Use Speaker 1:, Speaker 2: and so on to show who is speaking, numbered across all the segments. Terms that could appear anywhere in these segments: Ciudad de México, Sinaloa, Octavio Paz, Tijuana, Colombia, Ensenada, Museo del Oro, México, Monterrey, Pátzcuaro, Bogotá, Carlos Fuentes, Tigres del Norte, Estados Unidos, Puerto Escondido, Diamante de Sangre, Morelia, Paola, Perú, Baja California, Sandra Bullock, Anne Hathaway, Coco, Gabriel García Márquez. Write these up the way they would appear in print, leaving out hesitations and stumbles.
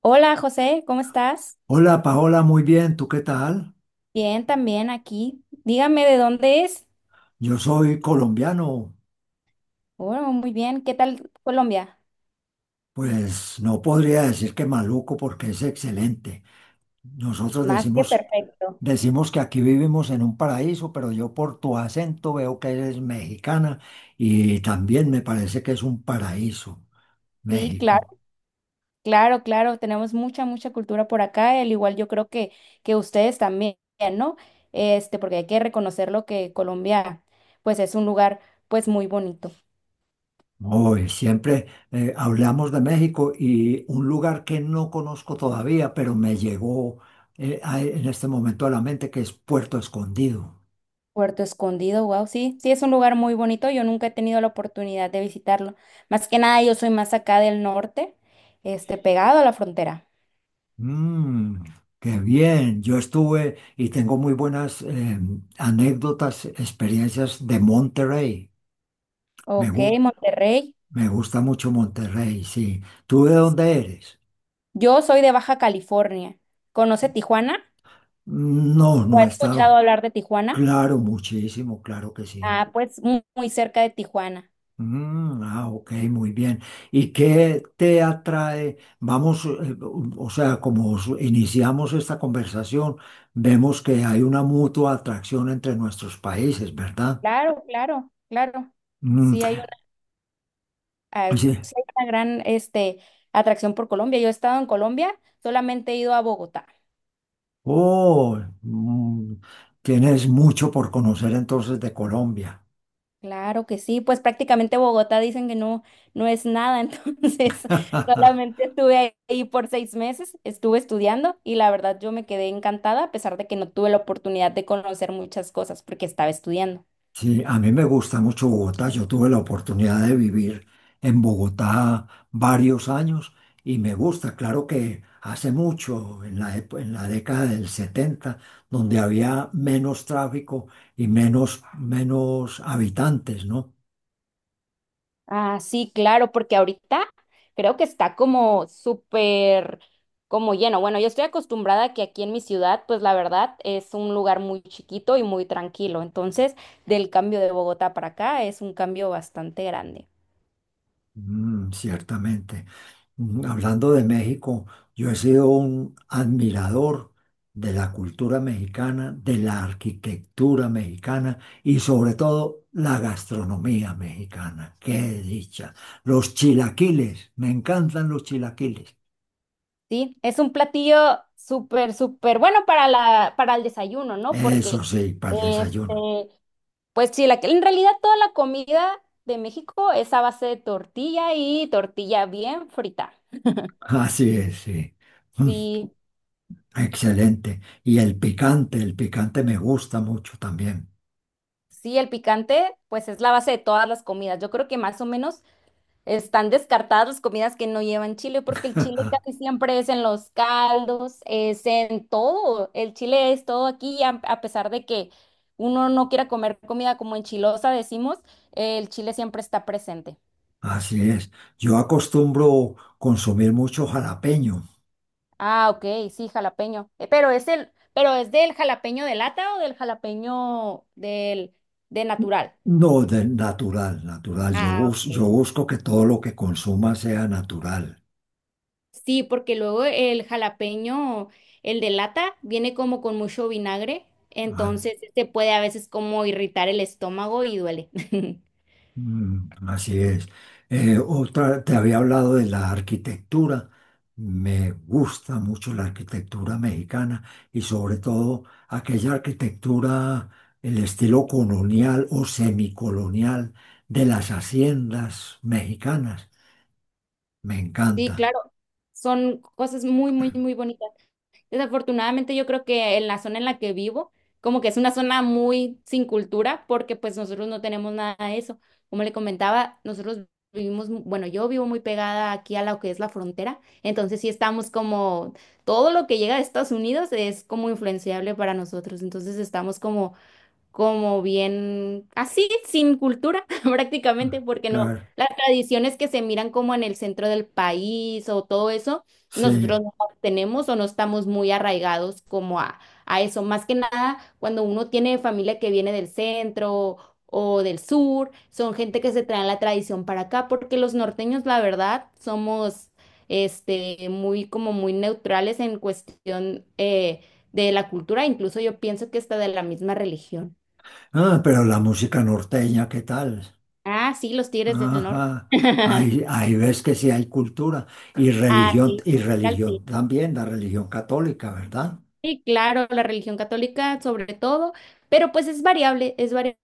Speaker 1: Hola José, ¿cómo estás?
Speaker 2: Hola Paola, muy bien, ¿tú qué tal?
Speaker 1: Bien, también aquí. Dígame de dónde es.
Speaker 2: Yo soy colombiano,
Speaker 1: Bueno, muy bien. ¿Qué tal Colombia?
Speaker 2: pues no podría decir que maluco porque es excelente. Nosotros
Speaker 1: Más que Perú.
Speaker 2: decimos, decimos que aquí vivimos en un paraíso, pero yo por tu acento veo que eres mexicana y también me parece que es un paraíso,
Speaker 1: Sí, claro,
Speaker 2: México.
Speaker 1: claro, claro. Tenemos mucha cultura por acá. Al igual yo creo que ustedes también, ¿no? Este, porque hay que reconocerlo que Colombia, pues es un lugar, pues muy bonito.
Speaker 2: Hoy siempre hablamos de México y un lugar que no conozco todavía, pero me llegó en este momento a la mente que es Puerto Escondido.
Speaker 1: Puerto Escondido, wow, sí, sí es un lugar muy bonito. Yo nunca he tenido la oportunidad de visitarlo. Más que nada, yo soy más acá del norte, este, pegado a la frontera.
Speaker 2: Mm, qué bien. Yo estuve y tengo muy buenas anécdotas, experiencias de Monterrey. Me,
Speaker 1: Ok,
Speaker 2: gu-
Speaker 1: Monterrey.
Speaker 2: Me gusta mucho Monterrey, sí. ¿Tú de dónde eres?
Speaker 1: Yo soy de Baja California. ¿Conoce Tijuana?
Speaker 2: Mm, no,
Speaker 1: ¿O ha
Speaker 2: no
Speaker 1: escuchado
Speaker 2: estaba.
Speaker 1: hablar de Tijuana?
Speaker 2: Claro, muchísimo, claro que sí.
Speaker 1: Ah, pues muy, cerca de Tijuana.
Speaker 2: Mm, ah, ok, muy bien. ¿Y qué te atrae? Vamos, o sea, iniciamos esta conversación, vemos que hay una mutua atracción entre nuestros países, ¿verdad?
Speaker 1: Claro, claro, claro.
Speaker 2: Mm,
Speaker 1: Sí hay una, ah,
Speaker 2: sí.
Speaker 1: sí hay una gran este, atracción por Colombia. Yo he estado en Colombia, solamente he ido a Bogotá.
Speaker 2: Oh, mm, tienes mucho por conocer entonces de Colombia.
Speaker 1: Claro que sí, pues prácticamente Bogotá dicen que no, no es nada, entonces solamente estuve ahí por seis meses, estuve estudiando y la verdad yo me quedé encantada a pesar de que no tuve la oportunidad de conocer muchas cosas porque estaba estudiando.
Speaker 2: Sí, a mí me gusta mucho Bogotá. Yo tuve la oportunidad de vivir en Bogotá varios años y me gusta. Claro que hace mucho, en la década del 70, donde había menos tráfico y menos habitantes, ¿no?
Speaker 1: Ah, sí, claro, porque ahorita creo que está como súper, como lleno. Bueno, yo estoy acostumbrada a que aquí en mi ciudad, pues la verdad es un lugar muy chiquito y muy tranquilo, entonces del cambio de Bogotá para acá es un cambio bastante grande.
Speaker 2: Mm, ciertamente. Mm, hablando de México, yo he sido un admirador de la cultura mexicana, de la arquitectura mexicana y sobre todo la gastronomía mexicana. Qué dicha. Los chilaquiles, me encantan los chilaquiles.
Speaker 1: Sí, es un platillo súper bueno para la, para el desayuno, ¿no?
Speaker 2: Eso
Speaker 1: Porque,
Speaker 2: sí, para el desayuno.
Speaker 1: este, pues sí, la, en realidad toda la comida de México es a base de tortilla y tortilla bien frita.
Speaker 2: Así es, sí. Mm,
Speaker 1: Sí,
Speaker 2: excelente. Y el picante me gusta mucho también.
Speaker 1: sí, el picante, pues es la base de todas las comidas. Yo creo que más o menos están descartadas las comidas que no llevan chile, porque el chile casi siempre es en los caldos, es en todo. El chile es todo aquí, a pesar de que uno no quiera comer comida como enchilosa, decimos, el chile siempre está presente.
Speaker 2: Así es. Yo acostumbro consumir mucho jalapeño.
Speaker 1: Ah, ok, sí, jalapeño. Pero es el, pero es del jalapeño de lata o del jalapeño del, de natural.
Speaker 2: No, natural, natural. Yo,
Speaker 1: Ah,
Speaker 2: yo
Speaker 1: ok.
Speaker 2: busco que todo lo que consuma sea natural.
Speaker 1: Sí, porque luego el jalapeño, el de lata, viene como con mucho vinagre,
Speaker 2: Ah,
Speaker 1: entonces este puede a veces como irritar el estómago y duele.
Speaker 2: mm, así es. Otra, te había hablado de la arquitectura. Me gusta mucho la arquitectura mexicana y sobre todo aquella arquitectura, el estilo colonial o semicolonial de las haciendas mexicanas. Me
Speaker 1: Sí,
Speaker 2: encanta.
Speaker 1: claro, son cosas muy bonitas. Desafortunadamente yo creo que en la zona en la que vivo, como que es una zona muy sin cultura porque pues nosotros no tenemos nada de eso. Como le comentaba, nosotros vivimos, bueno, yo vivo muy pegada aquí a lo que es la frontera, entonces sí estamos como, todo lo que llega de Estados Unidos es como influenciable para nosotros, entonces estamos como bien así, sin cultura prácticamente, porque no,
Speaker 2: Claro,
Speaker 1: las tradiciones que se miran como en el centro del país o todo eso,
Speaker 2: sí.
Speaker 1: nosotros no las tenemos o no estamos muy arraigados como a eso. Más que nada, cuando uno tiene familia que viene del centro o del sur, son gente que se trae la tradición para acá, porque los norteños, la verdad, somos este, muy, como muy neutrales en cuestión de la cultura, incluso yo pienso que está de la misma religión.
Speaker 2: Ah, pero la música norteña, ¿qué tal?
Speaker 1: Ah, sí, los Tigres del Norte.
Speaker 2: Ajá. Ahí, ahí ves que sí hay cultura
Speaker 1: Ah, sí,
Speaker 2: y
Speaker 1: musical, sí.
Speaker 2: religión también, la religión católica, ¿verdad?
Speaker 1: Sí, claro, la religión católica sobre todo, pero pues es variable, es variable.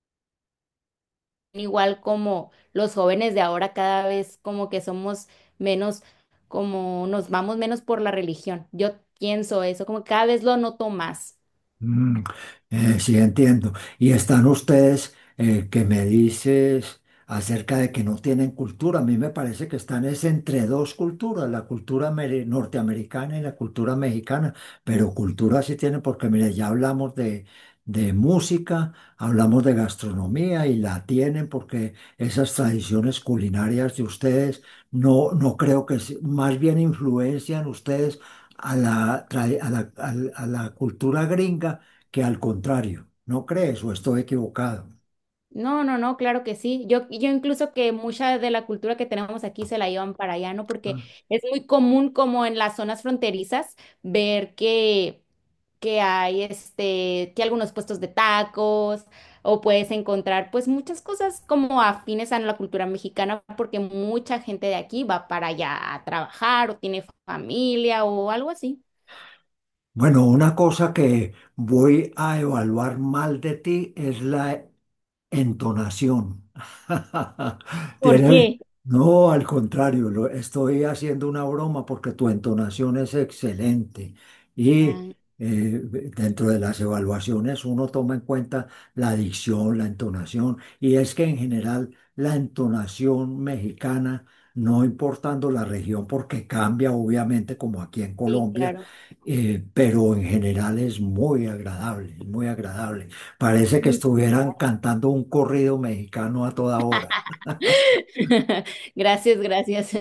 Speaker 1: Igual como los jóvenes de ahora cada vez como que somos menos, como nos vamos menos por la religión. Yo pienso eso, como cada vez lo noto más.
Speaker 2: Mm, sí, entiendo. Y están ustedes que me dices acerca de que no tienen cultura. A mí me parece que están es entre dos culturas, la cultura norteamericana y la cultura mexicana. Pero cultura sí tienen porque, mire, ya hablamos de música, hablamos de gastronomía y la tienen porque esas tradiciones culinarias de ustedes no, no creo que, más bien influencian ustedes a la, trae- a la, al- a la cultura gringa que al contrario. ¿No crees o estoy equivocado?
Speaker 1: No, no, no, claro que sí. Yo incluso que mucha de la cultura que tenemos aquí se la llevan para allá, ¿no? Porque
Speaker 2: Ah.
Speaker 1: es muy común como en las zonas fronterizas ver que hay este, que algunos puestos de tacos o puedes encontrar pues muchas cosas como afines a la cultura mexicana porque mucha gente de aquí va para allá a trabajar o tiene familia o algo así.
Speaker 2: Bueno, una cosa que voy a evaluar mal de ti es la entonación.
Speaker 1: ¿Por
Speaker 2: Tiene,
Speaker 1: qué?
Speaker 2: no, al contrario, estoy haciendo una broma porque tu entonación es excelente y
Speaker 1: Ah,
Speaker 2: eh, dentro de las evaluaciones uno toma en cuenta la dicción, la entonación y es que en general la entonación mexicana, no importando la región porque cambia obviamente como aquí en
Speaker 1: sí,
Speaker 2: Colombia,
Speaker 1: claro.
Speaker 2: pero en general es muy agradable, es muy agradable. Parece que estuvieran cantando un corrido mexicano a toda hora.
Speaker 1: Gracias, gracias. Sí,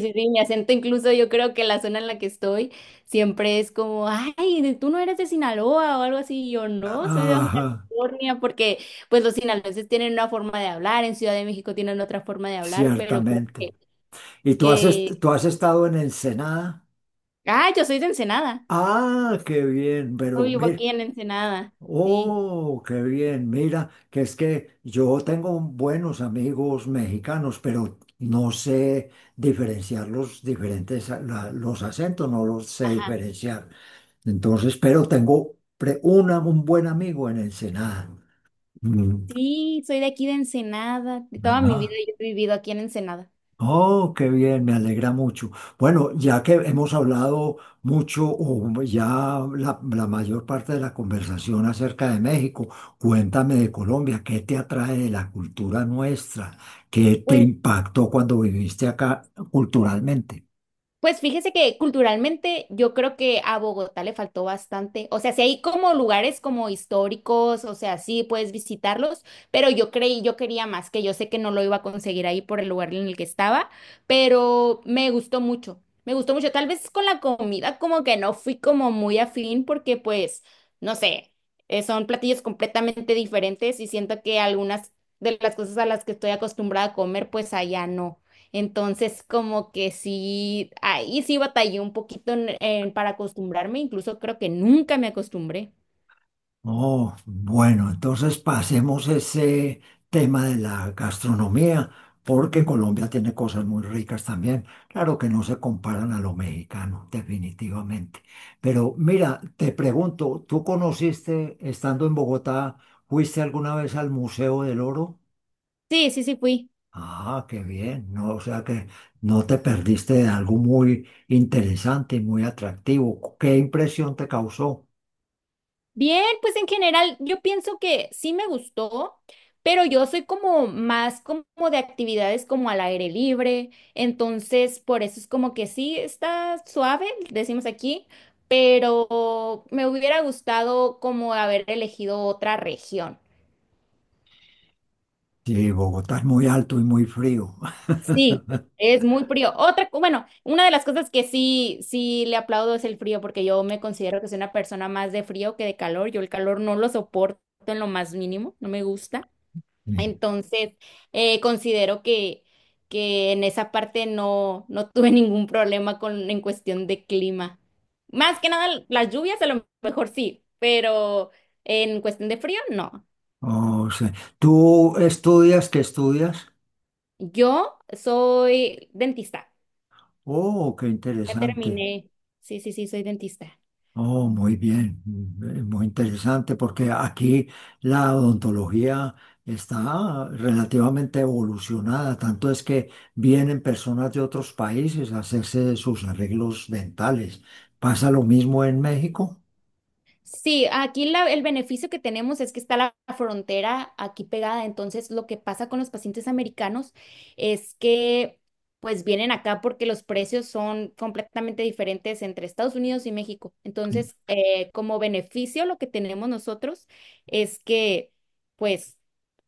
Speaker 1: sí, sí, mi acento incluso yo creo que la zona en la que estoy siempre es como, ay, tú no eres de Sinaloa o algo así, y yo no, soy de Baja
Speaker 2: Ajá,
Speaker 1: California, porque pues los sinaloenses tienen una forma de hablar, en Ciudad de México tienen otra forma de hablar, pero creo
Speaker 2: ciertamente. ¿Y tú
Speaker 1: que...
Speaker 2: tú has estado en Ensenada?
Speaker 1: ah, yo soy de Ensenada,
Speaker 2: Ah, qué bien,
Speaker 1: yo
Speaker 2: pero
Speaker 1: vivo
Speaker 2: mira,
Speaker 1: aquí en Ensenada, sí.
Speaker 2: oh, qué bien, mira, que es que yo tengo buenos amigos mexicanos, pero no sé diferenciar los diferentes, los acentos, no los sé
Speaker 1: Ajá.
Speaker 2: diferenciar. Entonces, pero tengo un buen amigo en Ensenada. Mm,
Speaker 1: Sí, soy de aquí de Ensenada, toda mi vida
Speaker 2: ajá.
Speaker 1: yo he vivido aquí en Ensenada.
Speaker 2: Oh, qué bien, me alegra mucho. Bueno, ya que hemos hablado mucho, o ya la mayor parte de la conversación acerca de México, cuéntame de Colombia, ¿qué te atrae de la cultura nuestra? ¿Qué te
Speaker 1: Pues,
Speaker 2: impactó cuando viviste acá culturalmente?
Speaker 1: pues fíjese que culturalmente yo creo que a Bogotá le faltó bastante. O sea, si hay como lugares como históricos, o sea, sí puedes visitarlos, pero yo creí, yo quería más, que yo sé que no lo iba a conseguir ahí por el lugar en el que estaba, pero me gustó mucho, me gustó mucho. Tal vez con la comida como que no fui como muy afín porque pues, no sé, son platillos completamente diferentes y siento que algunas de las cosas a las que estoy acostumbrada a comer, pues allá no. Entonces, como que sí, ahí sí batallé un poquito para acostumbrarme, incluso creo que nunca me acostumbré.
Speaker 2: Oh, bueno, entonces pasemos ese tema de la gastronomía, porque Colombia tiene cosas muy ricas también. Claro que no se comparan a lo mexicano, definitivamente. Pero mira, te pregunto, ¿tú conociste, estando en Bogotá, fuiste alguna vez al Museo del Oro?
Speaker 1: Sí, sí, sí fui.
Speaker 2: Ah, qué bien, no, o sea que no te perdiste de algo muy interesante y muy atractivo. ¿Qué impresión te causó?
Speaker 1: Bien, pues en general yo pienso que sí me gustó, pero yo soy como más como de actividades como al aire libre, entonces por eso es como que sí está suave, decimos aquí, pero me hubiera gustado como haber elegido otra región.
Speaker 2: Sí, Bogotá es muy alto y muy frío.
Speaker 1: Sí, es muy frío. Otra, bueno, una de las cosas que sí, sí le aplaudo es el frío, porque yo me considero que soy una persona más de frío que de calor. Yo el calor no lo soporto en lo más mínimo, no me gusta. Entonces, considero que en esa parte no, no tuve ningún problema con, en cuestión de clima. Más que nada, las lluvias a lo mejor sí, pero en cuestión de frío, no.
Speaker 2: Oh, sí. ¿Tú estudias? ¿Qué estudias?
Speaker 1: Yo soy dentista.
Speaker 2: Oh, qué
Speaker 1: Ya
Speaker 2: interesante.
Speaker 1: terminé. Sí, sí, sí, soy dentista.
Speaker 2: Oh, muy bien. Mm, muy interesante porque aquí la odontología está relativamente evolucionada. Tanto es que vienen personas de otros países a hacerse sus arreglos dentales. ¿Pasa lo mismo en México?
Speaker 1: Sí, aquí el beneficio que tenemos es que está la frontera aquí pegada, entonces lo que pasa con los pacientes americanos es que pues vienen acá porque los precios son completamente diferentes entre Estados Unidos y México. Entonces, como beneficio lo que tenemos nosotros es que pues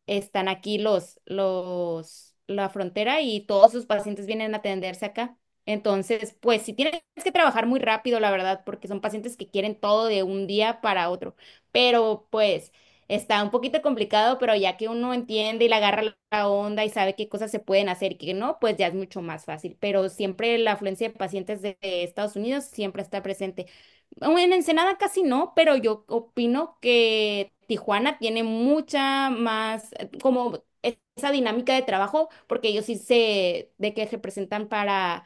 Speaker 1: están aquí la frontera y todos sus pacientes vienen a atenderse acá. Entonces, pues si tienes que trabajar muy rápido, la verdad, porque son pacientes que quieren todo de un día para otro. Pero pues está un poquito complicado, pero ya que uno entiende y le agarra la onda y sabe qué cosas se pueden hacer y qué no, pues ya es mucho más fácil. Pero siempre la afluencia de pacientes de Estados Unidos siempre está presente. Aún en Ensenada casi no, pero yo opino que Tijuana tiene mucha más, como esa dinámica de trabajo, porque ellos sí se, de que se presentan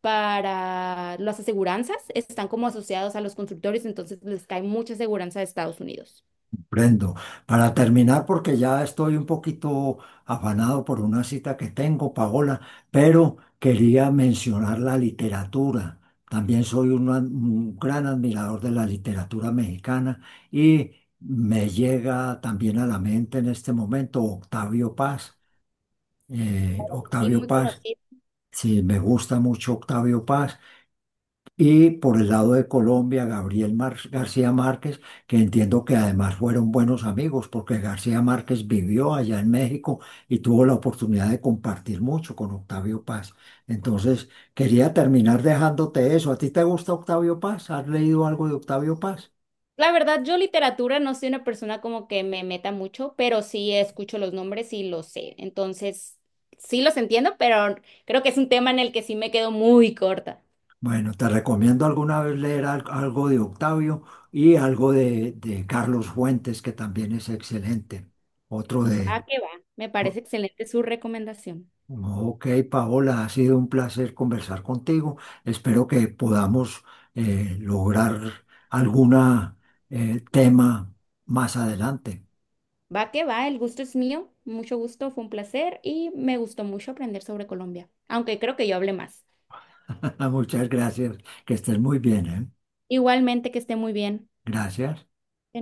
Speaker 1: para las aseguranzas, están como asociados a los constructores, entonces les cae mucha aseguranza de Estados Unidos.
Speaker 2: Prendo. Para terminar, porque ya estoy un poquito afanado por una cita que tengo, Paola, pero quería mencionar la literatura. También soy un, un gran admirador de la literatura mexicana y me llega también a la mente en este momento Octavio Paz.
Speaker 1: Sí,
Speaker 2: Octavio
Speaker 1: muy
Speaker 2: Paz,
Speaker 1: conocido.
Speaker 2: sí, me gusta mucho Octavio Paz. Y por el lado de Colombia, García Márquez, que entiendo que además fueron buenos amigos, porque García Márquez vivió allá en México y tuvo la oportunidad de compartir mucho con Octavio Paz. Entonces, quería terminar dejándote eso. ¿A ti te gusta Octavio Paz? ¿Has leído algo de Octavio Paz?
Speaker 1: La verdad, yo literatura no soy una persona como que me meta mucho, pero sí escucho los nombres y los sé. Entonces, sí los entiendo, pero creo que es un tema en el que sí me quedo muy corta.
Speaker 2: Bueno, te recomiendo alguna vez leer algo de Octavio y algo de Carlos Fuentes, que también es excelente. Otro
Speaker 1: Va
Speaker 2: de,
Speaker 1: que va. Me parece excelente su recomendación.
Speaker 2: ok, Paola, ha sido un placer conversar contigo. Espero que podamos lograr algún tema más adelante.
Speaker 1: Va que va, el gusto es mío. Mucho gusto, fue un placer y me gustó mucho aprender sobre Colombia, aunque creo que yo hablé más.
Speaker 2: Muchas gracias, que estés muy bien, ¿eh?
Speaker 1: Igualmente, que esté muy bien.
Speaker 2: Gracias.
Speaker 1: De